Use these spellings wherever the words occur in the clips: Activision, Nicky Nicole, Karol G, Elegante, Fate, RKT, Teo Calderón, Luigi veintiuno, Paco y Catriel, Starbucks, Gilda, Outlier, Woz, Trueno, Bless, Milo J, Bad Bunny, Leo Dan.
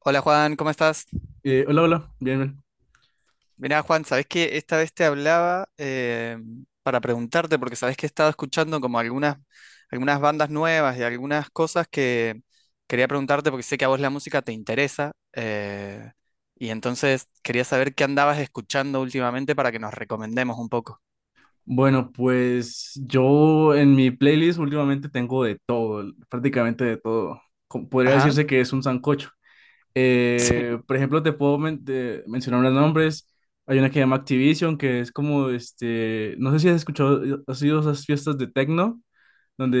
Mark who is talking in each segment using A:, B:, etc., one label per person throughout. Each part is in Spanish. A: Hola Juan, ¿cómo estás?
B: Hola, hola, bien, bien.
A: Mirá Juan, sabés que esta vez te hablaba para preguntarte, porque sabés que he estado escuchando como algunas bandas nuevas y algunas cosas que quería preguntarte porque sé que a vos la música te interesa y entonces quería saber qué andabas escuchando últimamente para que nos recomendemos un poco.
B: Bueno, pues yo en mi playlist últimamente tengo de todo, prácticamente de todo. Podría
A: Ajá,
B: decirse que es un sancocho.
A: sí,
B: Por ejemplo, te puedo mencionar los nombres. Hay una que se llama Activision, que es como, este, no sé si has escuchado, has ido a esas fiestas de techno.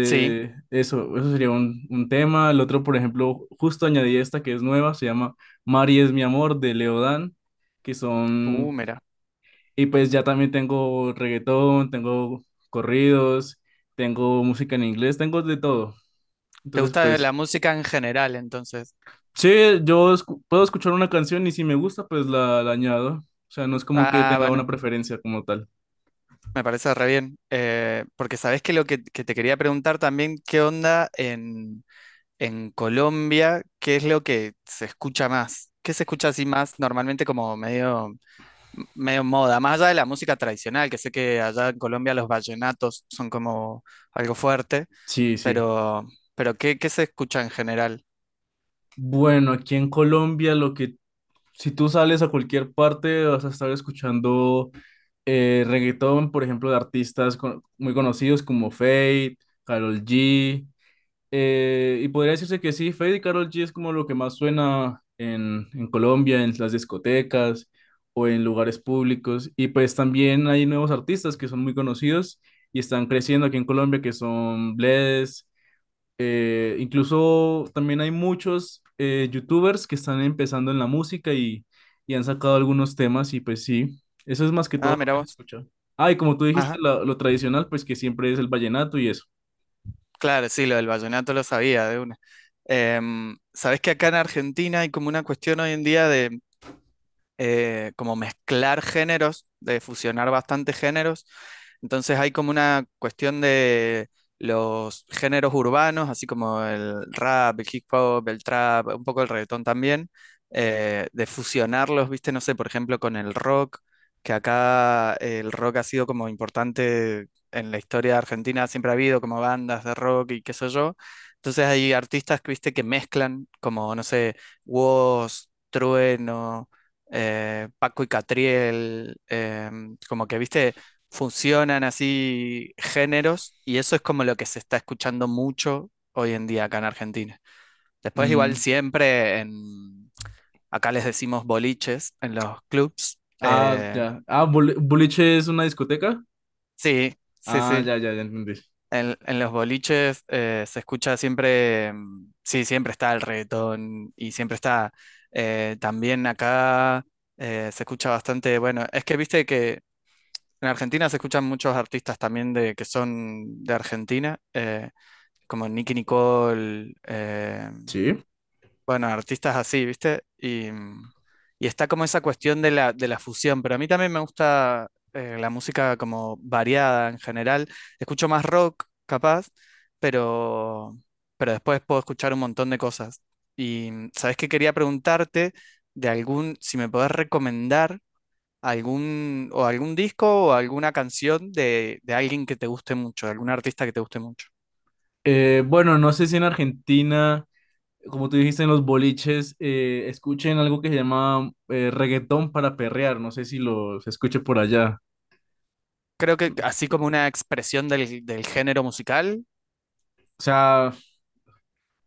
A: sí,
B: eso sería un tema. El otro, por ejemplo, justo añadí esta que es nueva, se llama Mari es mi amor de Leo Dan, que son,
A: mira.
B: y pues ya también tengo reggaetón, tengo corridos, tengo música en inglés, tengo de todo.
A: ¿Te
B: Entonces,
A: gusta
B: pues,
A: la música en general entonces?
B: sí, yo puedo escuchar una canción y si me gusta, pues la añado. O sea, no es como que
A: Ah,
B: tenga
A: bueno.
B: una preferencia como tal.
A: Me parece re bien, porque sabés que te quería preguntar también, ¿qué onda en Colombia? ¿Qué es lo que se escucha más? ¿Qué se escucha así más normalmente como medio moda? Más allá de la música tradicional, que sé que allá en Colombia los vallenatos son como algo fuerte,
B: Sí, sí.
A: pero, ¿qué, qué se escucha en general?
B: Bueno, aquí en Colombia lo que si tú sales a cualquier parte, vas a estar escuchando reggaetón, por ejemplo, de artistas muy conocidos como Fate, Karol G. Y podría decirse que sí, Fate y Karol G es como lo que más suena en Colombia, en las discotecas o en lugares públicos. Y pues también hay nuevos artistas que son muy conocidos y están creciendo aquí en Colombia, que son Bless. Incluso también hay muchos youtubers que están empezando en la música y han sacado algunos temas y pues sí, eso es más que todo
A: Ah,
B: lo
A: mira
B: que se
A: vos.
B: escucha. Ah, y como tú dijiste,
A: Ajá,
B: lo tradicional, pues que siempre es el vallenato y eso.
A: claro, sí, lo del vallenato lo sabía de una. Sabés que acá en Argentina hay como una cuestión hoy en día de como mezclar géneros, de fusionar bastantes géneros. Entonces hay como una cuestión de los géneros urbanos, así como el rap, el hip hop, el trap, un poco el reggaetón también, de fusionarlos, viste, no sé, por ejemplo, con el rock, que acá el rock ha sido como importante en la historia de Argentina, siempre ha habido como bandas de rock y qué sé yo. Entonces hay artistas, que, viste, que mezclan como, no sé, Woz, Trueno, Paco y Catriel, como que, viste, funcionan así géneros y eso es como lo que se está escuchando mucho hoy en día acá en Argentina. Después igual
B: Mm,
A: siempre acá les decimos boliches en los clubs.
B: ah, ya. Ah, boliche es una discoteca.
A: Sí, sí,
B: Ah,
A: sí.
B: ya, ya, ya entendí.
A: En los boliches se escucha siempre, mm, sí, siempre está el reggaetón y siempre está también acá se escucha bastante, bueno, es que viste que en Argentina se escuchan muchos artistas también que son de Argentina, como Nicky Nicole,
B: Sí.
A: bueno, artistas así, ¿viste? Y, mm, y está como esa cuestión de de la fusión, pero a mí también me gusta la música como variada en general. Escucho más rock, capaz, pero, pero después puedo escuchar un montón de cosas. Y mm, sabes que quería preguntarte de algún, si me podés recomendar algún, o algún disco o alguna canción de alguien que te guste mucho, de algún artista que te guste mucho.
B: Bueno, no sé si en Argentina, como tú dijiste en los boliches, escuchen algo que se llama reggaetón para perrear. No sé si lo se escuche por allá.
A: Creo que así como una expresión del género musical.
B: O sea,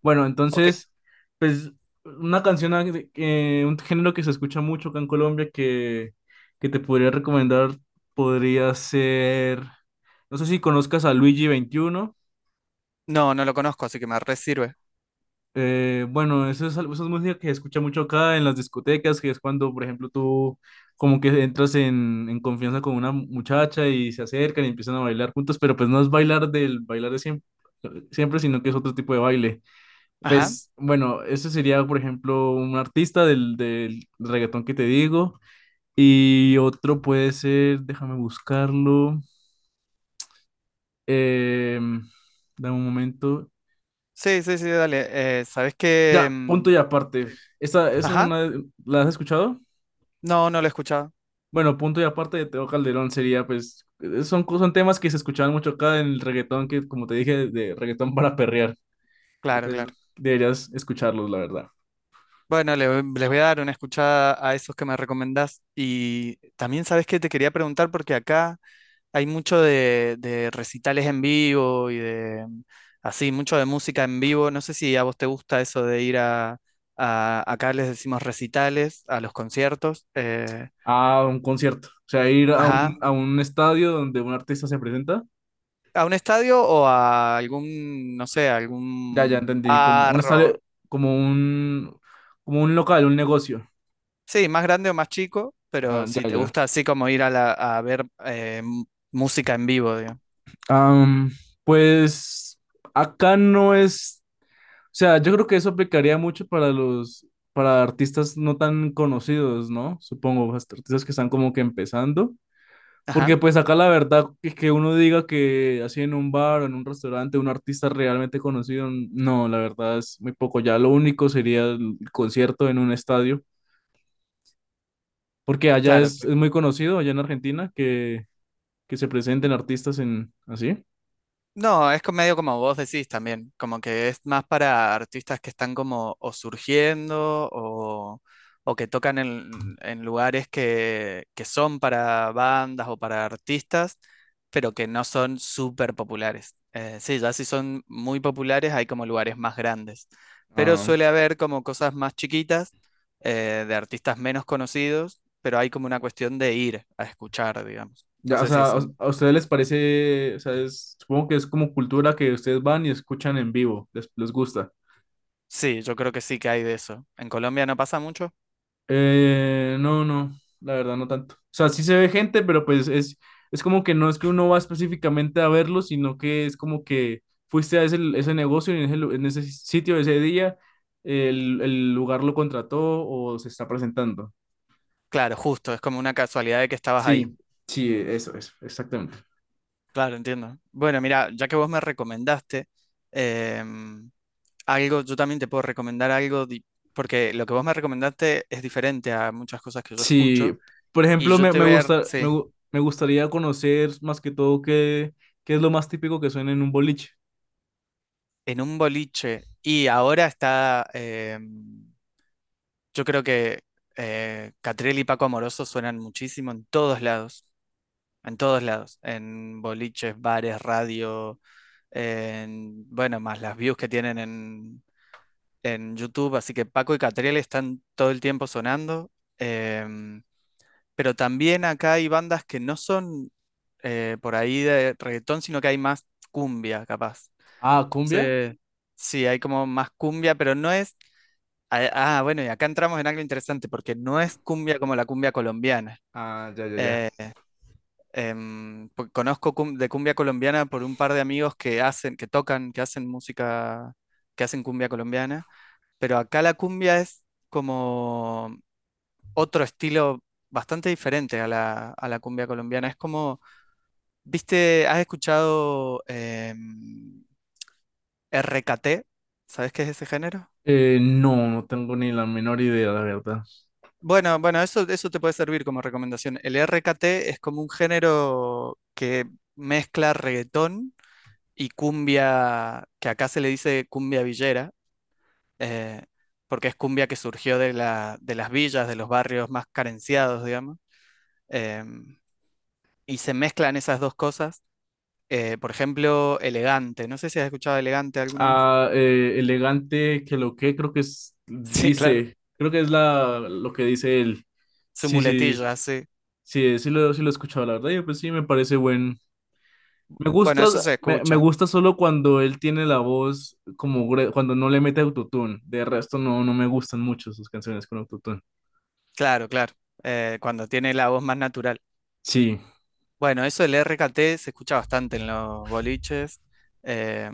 B: bueno,
A: O que-
B: entonces, pues una canción, un género que se escucha mucho acá en Colombia que te podría recomendar podría ser, no sé si conozcas a Luigi 21.
A: No, no lo conozco, así que me re sirve.
B: Bueno, eso es música que se escucha mucho acá en las discotecas, que es cuando, por ejemplo, tú como que entras en confianza con una muchacha y se acercan y empiezan a bailar juntos, pero pues no es bailar del bailar de siempre, siempre, sino que es otro tipo de baile.
A: Ajá.
B: Pues bueno, eso sería, por ejemplo, un artista del reggaetón que te digo. Y otro puede ser, déjame buscarlo. Eh, Dame un momento.
A: Sí, sí, sí, dale. ¿Sabés qué?
B: Ya, punto
A: Mm,
B: y aparte.
A: sí.
B: Esa es
A: Ajá.
B: una. ¿La has escuchado?
A: No, no lo he escuchado.
B: Bueno, punto y aparte de Teo Calderón sería, pues, son temas que se escuchaban mucho acá en el reggaetón, que como te dije, de reggaetón para perrear. Y
A: Claro,
B: pues
A: claro.
B: deberías escucharlos, la verdad.
A: Bueno, le- les voy a dar una escuchada a esos que me recomendás. Y también sabes que te quería preguntar porque acá hay mucho de recitales en vivo y de mm, así, mucho de música en vivo. No sé si a vos te gusta eso de ir a- acá les decimos recitales, a los conciertos.
B: A un concierto. O sea, ir a un,
A: Ajá.
B: a un estadio donde un artista se presenta.
A: ¿A un estadio o a algún, no sé,
B: Ya, ya
A: algún
B: entendí. Como
A: bar
B: un
A: o-
B: como un, como un local, un negocio.
A: sí, más grande o más chico,
B: Ah,
A: pero si
B: ya,
A: te
B: ya.
A: gusta así como ir a, la- a ver música en vivo, digamos.
B: Am, pues acá no es, o sea, yo creo que eso aplicaría mucho para para artistas no tan conocidos, ¿no? Supongo, hasta artistas que están como que empezando.
A: Ajá,
B: Porque pues acá la verdad es que uno diga que así en un bar o en un restaurante un artista realmente conocido, no, la verdad es muy poco. Ya lo único sería el concierto en un estadio porque allá
A: claro,
B: es,
A: claro.
B: es muy conocido, allá en Argentina, que se presenten artistas en así.
A: No, es co- medio como vos decís también, como que es más para artistas que están como o surgiendo o que tocan en lugares que son para bandas o para artistas, pero que no son súper populares. Sí, ya si son muy populares hay como lugares más grandes, pero
B: Ah,
A: suele haber como cosas más chiquitas de artistas menos conocidos, pero hay como una cuestión de ir a escuchar, digamos. No
B: ya, o
A: sé si
B: sea, ¿a
A: eso
B: ustedes les parece? O sea, supongo que es como cultura que ustedes van y escuchan en vivo, les gusta.
A: sí, yo creo que sí que hay de eso. ¿En Colombia no pasa mucho?
B: No, no, la verdad no tanto. O sea, sí se ve gente, pero pues es como que no es que uno va específicamente a verlo, sino que es como que fuiste a ese negocio y en en ese sitio ese día, el lugar lo contrató o se está presentando.
A: Claro, justo, es como una casualidad de que estabas
B: Sí,
A: ahí.
B: sí, eso, es, exactamente.
A: Claro, entiendo. Bueno, mira, ya que vos me recomendaste em, algo, yo también te puedo recomendar algo, di- porque lo que vos me recomendaste es diferente a muchas cosas que yo
B: Sí,
A: escucho.
B: por
A: Y
B: ejemplo,
A: yo
B: me,
A: te
B: me
A: voy a,
B: gusta,
A: sí,
B: me gustaría conocer más que todo qué es lo más típico que suena en un boliche.
A: en un boliche. Y ahora está, em, yo creo que Catriel y Paco Amoroso suenan muchísimo en todos lados, en todos lados, en boliches, bares, radio en- bueno, más las views que tienen en YouTube, así que Paco y Catriel están todo el tiempo sonando, em, pero también acá hay bandas que no son por ahí de reggaetón, sino que hay más cumbia, capaz.
B: Ah, cumbia.
A: Entonces, sí, hay como más cumbia, pero no es... Ah, ah, bueno, y acá entramos en algo interesante, porque no es cumbia como la cumbia colombiana.
B: Ah, ya, ya, ya.
A: Em, po- conozco cum- de cumbia colombiana por un par de amigos que hacen, que tocan, que hacen música, que hacen cumbia colombiana, pero acá la cumbia es como otro estilo bastante diferente a a la cumbia colombiana. Es como, ¿viste? ¿Has escuchado RKT? ¿Sabes qué es ese género?
B: No, no tengo ni la menor idea, la verdad.
A: Bueno, bueno, eso te puede servir como recomendación. El RKT es como un género que mezcla reggaetón y cumbia, que acá se le dice cumbia villera, eh, porque es cumbia que surgió de de las villas, de los barrios más carenciados, digamos, eh, y se mezclan esas dos cosas. Por ejemplo, Elegante, no sé si has escuchado Elegante alguna vez.
B: Ah, elegante, que lo que creo que es,
A: Sí, claro.
B: dice, creo que es lo que dice él.
A: Su
B: Sí, sí,
A: muletilla, sí.
B: sí, sí lo he escuchado, la verdad. Y pues sí, me parece me
A: Bueno, eso
B: gusta,
A: se
B: me
A: escucha,
B: gusta solo cuando él tiene la voz como cuando no le mete autotune. De resto no, no me gustan mucho sus canciones con autotune.
A: claro, claro, cuando tiene la voz más natural.
B: Sí,
A: Bueno, eso del RKT se escucha bastante en los boliches. eh,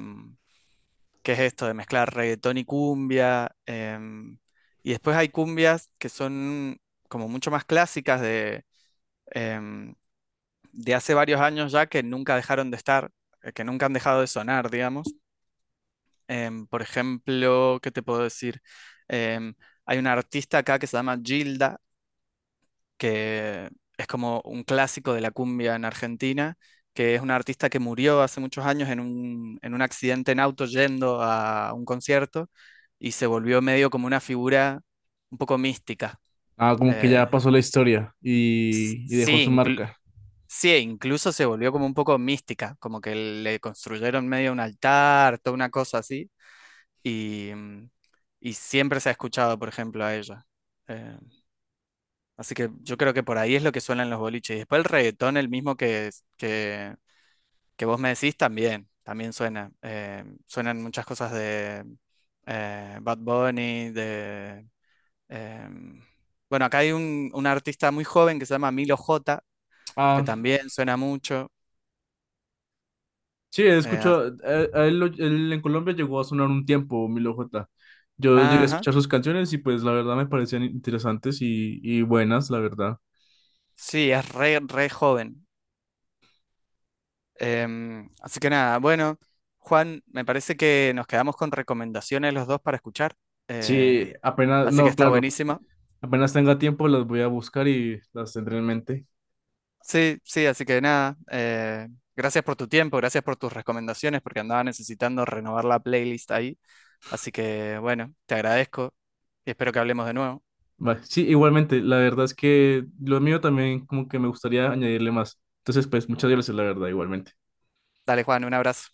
A: que es esto de mezclar reggaetón y cumbia. Y después hay cumbias que son como mucho más clásicas de, em, de hace varios años ya que nunca dejaron de estar, que nunca han dejado de sonar, digamos. Por ejemplo, ¿qué te puedo decir? Em, Hay una artista acá que se llama Gilda, que es como un clásico de la cumbia en Argentina, que es una artista que murió hace muchos años en un accidente en auto yendo a un concierto y se volvió medio como una figura un poco mística.
B: ah, como que
A: Eh,
B: ya pasó la historia y dejó
A: sí,
B: su
A: inclu-
B: marca.
A: sí, e incluso se volvió como un poco mística, como que le construyeron medio un altar, toda una cosa así, y, mm, y siempre se ha escuchado, por ejemplo, a ella. Eh, Así que yo creo que por ahí es lo que suenan los boliches. Y después el reggaetón, el mismo que, que vos me decís, también, también suena. Suenan muchas cosas de Bad Bunny, de... em, bueno, acá hay un artista muy joven que se llama Milo J, que
B: Ah,
A: también suena mucho.
B: sí, he
A: Eh,
B: escuchado, a él, él en Colombia llegó a sonar un tiempo, Milo J. Yo llegué a
A: ajá,
B: escuchar sus canciones y pues la verdad me parecían interesantes y buenas, la verdad.
A: sí, es re, re joven. Así que nada, bueno, Juan, me parece que nos quedamos con recomendaciones los dos para escuchar. eh,
B: Sí, apenas,
A: Así que
B: no,
A: está
B: claro,
A: buenísimo.
B: apenas tenga tiempo las voy a buscar y las tendré en mente.
A: Sí, sí, así que nada, gracias por tu tiempo, gracias por tus recomendaciones, porque andaba necesitando renovar la playlist ahí. Así que bueno, te agradezco y espero que hablemos de nuevo.
B: Va, sí, igualmente, la verdad es que lo mío también como que me gustaría añadirle más. Entonces, pues, muchas gracias, la verdad, igualmente.
A: Dale, Juan, un abrazo.